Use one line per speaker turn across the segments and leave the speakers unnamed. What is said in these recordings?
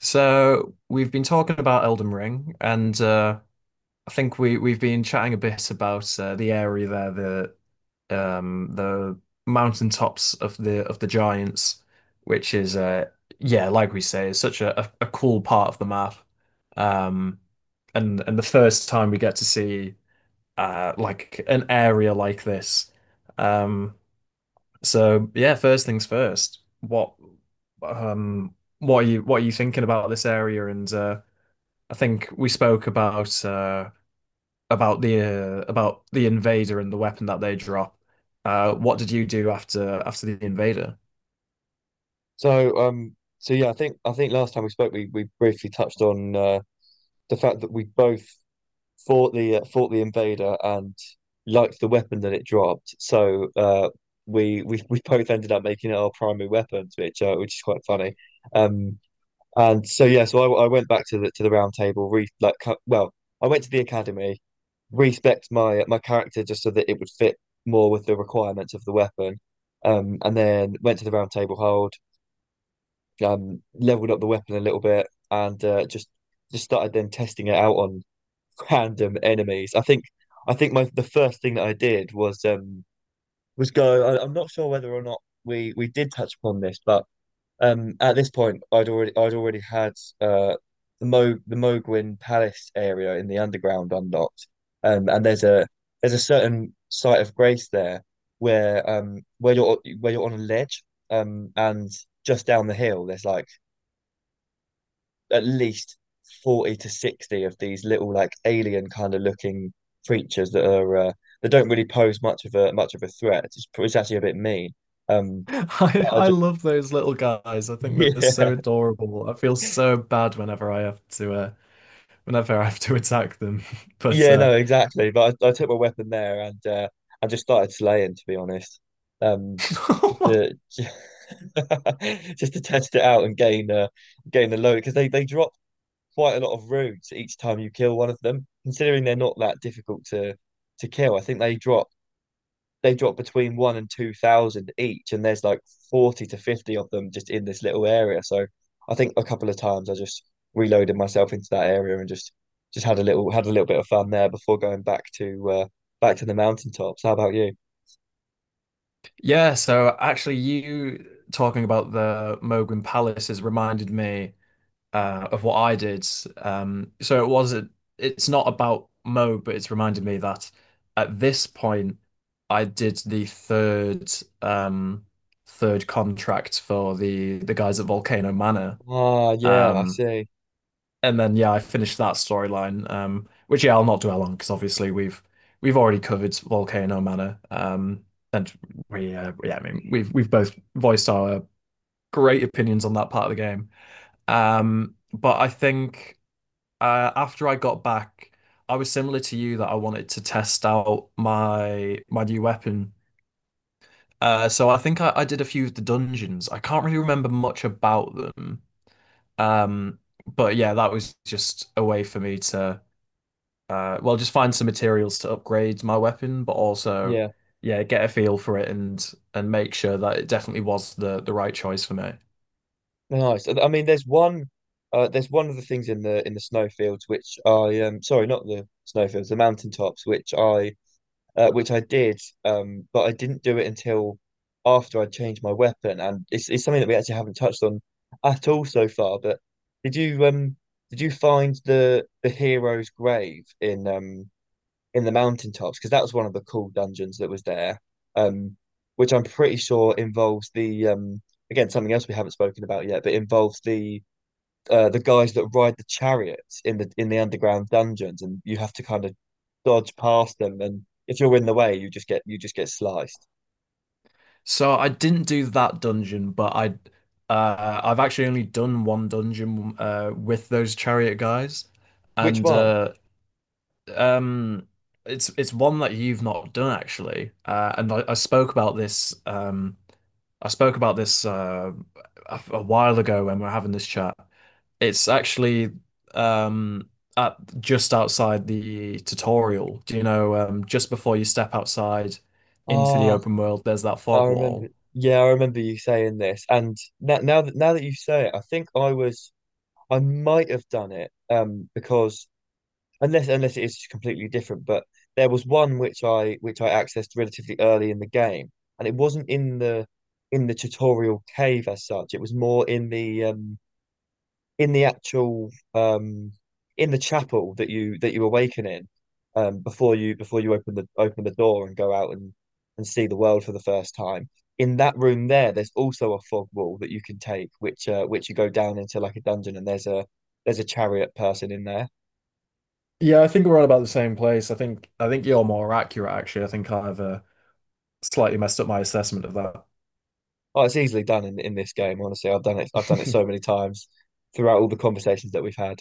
So we've been talking about Elden Ring, and I think we've been chatting a bit about the area there, the mountaintops of the giants, which is yeah, like we say, is such a cool part of the map. Um, and the first time we get to see like an area like this. Um, so yeah, first things first. Um, what are you thinking about this area and I think we spoke about the invader and the weapon that they drop. What did you do after the invader?
So yeah, I think last time we spoke, we briefly touched on the fact that we both fought the invader and liked the weapon that it dropped. So, we we both ended up making it our primary weapons, which is quite funny. Um, and so yeah, so I went back to the round table, re like cu- well, I went to the academy, respect my character just so that it would fit more with the requirements of the weapon. And then went to the round table hold, leveled up the weapon a little bit, and just started then testing it out on random enemies. I think my the first thing that I did was was go. I'm not sure whether or not we did touch upon this, but at this point, I'd already had uh, the Mo the Mogwin Palace area in the underground unlocked, and there's a certain site of grace there where you're on a ledge and just down the hill there's like at least 40 to 60 of these little like alien kind of looking creatures that don't really pose much of a threat. It's actually a bit mean. Um, but I
I
just.
love those little guys. I think they're
Yeah,
so adorable. I feel so bad whenever I have to whenever I have to attack them. But
yeah, no, exactly. But I took my weapon there and I just started slaying to be honest. Um, just to Just to test it out and gain the load, because they drop quite a lot of roots each time you kill one of them. Considering they're not that difficult to kill, I think they drop between one and two thousand each, and there's like 40 to 50 of them just in this little area. So I think a couple of times I just reloaded myself into that area and just had a little bit of fun there before going back to the mountaintops. How about you?
yeah, so actually, you talking about the Moguin Palace has reminded me of what I did. So it wasn't, it's not about Mo, but it's reminded me that at this point, I did the um, third contract for the guys at Volcano Manor.
Ah, yeah, I
Um,
see.
and then yeah, I finished that storyline, which yeah, I'll not dwell on because obviously we've already covered Volcano Manor. And we yeah, I mean we've both voiced our great opinions on that part of the game. But I think after I got back, I was similar to you that I wanted to test out my new weapon. So I think I did a few of the dungeons. I can't really remember much about them. Um, but yeah, that was just a way for me to well, just find some materials to upgrade my weapon, but also
Yeah,
yeah, get a feel for it and make sure that it definitely was the right choice for me.
nice. I mean, there's one of the things in the snowfields which I, sorry, not the snowfields, the mountaintops, which I did, But I didn't do it until after I changed my weapon, and it's something that we actually haven't touched on at all so far. But did you um did you find the hero's grave in the mountaintops? Because that was one of the cool dungeons that was there, um, which I'm pretty sure involves the, again, something else we haven't spoken about yet, but involves the guys that ride the chariots in the underground dungeons, and you have to kind of dodge past them. And if you're in the way, you just get sliced.
So I didn't do that dungeon, but I've actually only done one dungeon with those chariot guys,
Which
and
one?
um, it's one that you've not done actually. And I spoke about this, a while ago when we are having this chat. It's actually um, at just outside the tutorial. Do you know just before you step outside into the
Ah,
open world, there's that
I
fog
remember.
wall.
Yeah, I remember you saying this. And now that you say it, I think I might have done it. Because unless it is completely different, but there was one which I accessed relatively early in the game, and it wasn't in the tutorial cave as such. It was more in the actual um in the chapel that you awaken in, before you open the door and go out and see the world for the first time. In that room there's also a fog wall that you can take, which you go down into like a dungeon, and there's a chariot person in there.
Yeah, I think we're all about the same place. I think you're more accurate, actually. I think I've slightly messed up my assessment of that.
Oh, it's easily done in this game, honestly. I've done it so many times throughout all the conversations that we've had.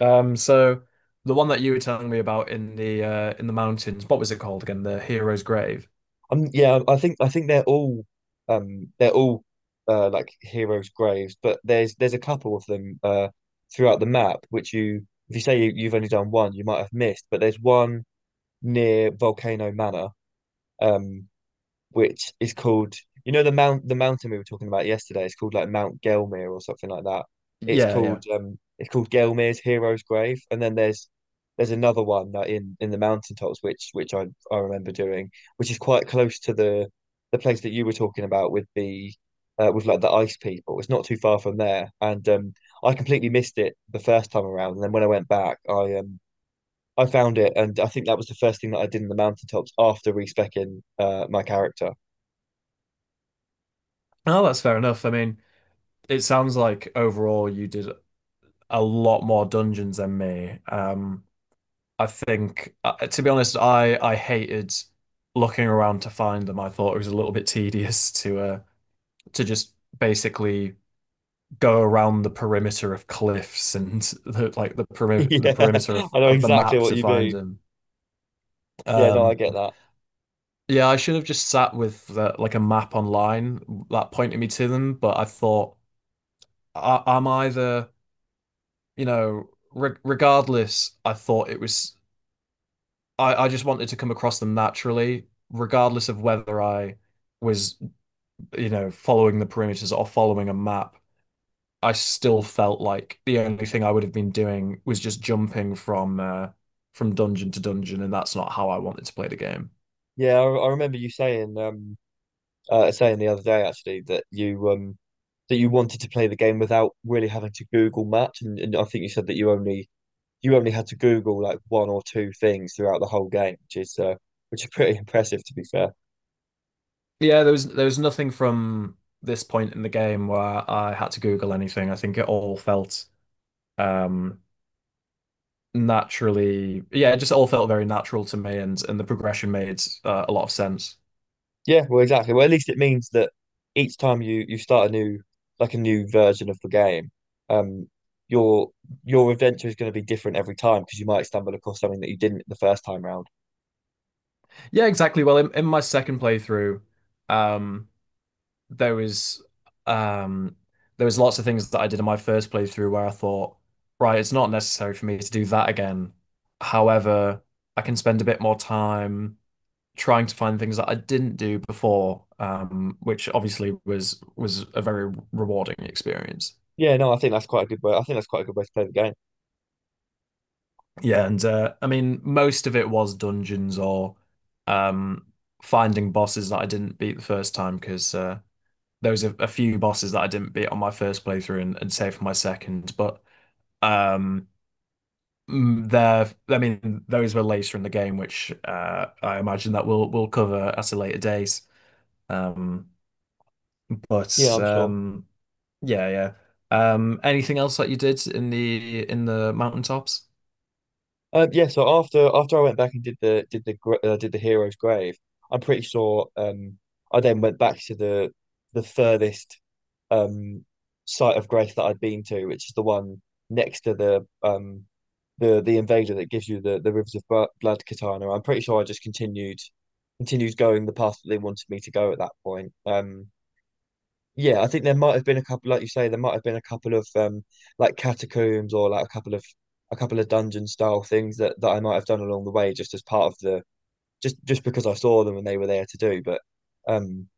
So the one that you were telling me about in the mountains, what was it called again? The Hero's Grave.
Yeah, I think they're all like heroes' graves, but there's a couple of them throughout the map, which, you if you say you've only done one, you might have missed, but there's one near Volcano Manor. Um which is called, the mountain we were talking about yesterday. It's called like Mount Gelmir or something like that. It's
Yeah, yeah.
called, um, it's called Gelmir's Hero's Grave. And then there's another one, like, in the mountaintops, which I remember doing, which is quite close to the place that you were talking about, with, like, the ice people. It's not too far from there, and I completely missed it the first time around. And then when I went back, I found it, and I think that was the first thing that I did in the mountaintops after respecing my character.
Oh, that's fair enough. I mean, it sounds like overall you did a lot more dungeons than me. I think, to be honest, I hated looking around to find them. I thought it was a little bit tedious to just basically go around the perimeter of cliffs and the, like the perimeter
Yeah, I know
of the
exactly
map
what
to
you
find
mean.
them.
Yeah, no, I
Um,
get that.
yeah, I should have just sat with the, like a map online that pointed me to them, but I thought I'm either you know regardless. I thought it was I just wanted to come across them naturally, regardless of whether I was you know following the perimeters or following a map. I still felt like the only thing I would have been doing was just jumping from dungeon to dungeon, and that's not how I wanted to play the game.
Yeah, I remember you saying the other day actually that you wanted to play the game without really having to Google much, and I think you said that you only had to Google like one or two things throughout the whole game, which is pretty impressive to be fair.
Yeah, there was nothing from this point in the game where I had to Google anything. I think it all felt um, naturally, yeah, it just all felt very natural to me, and the progression made a lot of sense.
Yeah, well, exactly. Well, at least it means that each time you start a new version of the game, um, your your adventure is going to be different every time, because you might stumble across something that you didn't the first time round.
Yeah, exactly. Well, in my second playthrough, um, there was um there was lots of things that I did in my first playthrough where I thought, right, it's not necessary for me to do that again. However, I can spend a bit more time trying to find things that I didn't do before, which obviously was a very rewarding experience.
Yeah, no, I think that's quite a good way. I think that's quite a good way to play the game.
Yeah, and I mean, most of it was dungeons or um, finding bosses that I didn't beat the first time because there was a few bosses that I didn't beat on my first playthrough and saved for my second. But Um, I mean, those were later in the game, which I imagine that we'll cover at a later date. Um,
Yeah,
but
I'm sure.
yeah, yeah. Anything else that you did in the mountaintops?
Yeah, so after I went back and did the hero's grave, I'm pretty sure I then went back to the furthest um site of grace that I'd been to, which is the one next to the invader that gives you the Rivers of Blood katana. I'm pretty sure I just continued going the path that they wanted me to go at that point. Yeah, I think there might have been a couple, like you say, there might have been a couple of like catacombs or like a couple of dungeon style things that I might have done along the way, just as part of the, just because I saw them and they were there to do. But um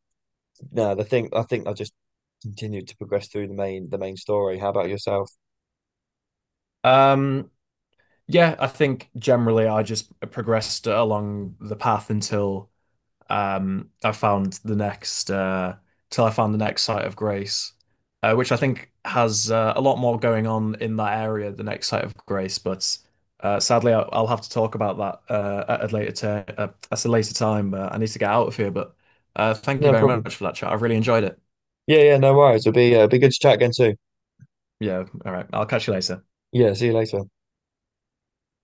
no, the thing I think I just continued to progress through the main story. How about yourself?
Um, yeah, I think generally I just progressed along the path until I found the next till I found the next site of grace, which I think has a lot more going on in that area. The next site of grace, but sadly, I'll have to talk about that at a later at a later time. I need to get out of here, but thank you
No
very
problem.
much for that chat. I've really enjoyed it.
Yeah, yeah, no worries. It'll be be good to chat again too.
Yeah, all right. I'll catch you later.
Yeah, see you later.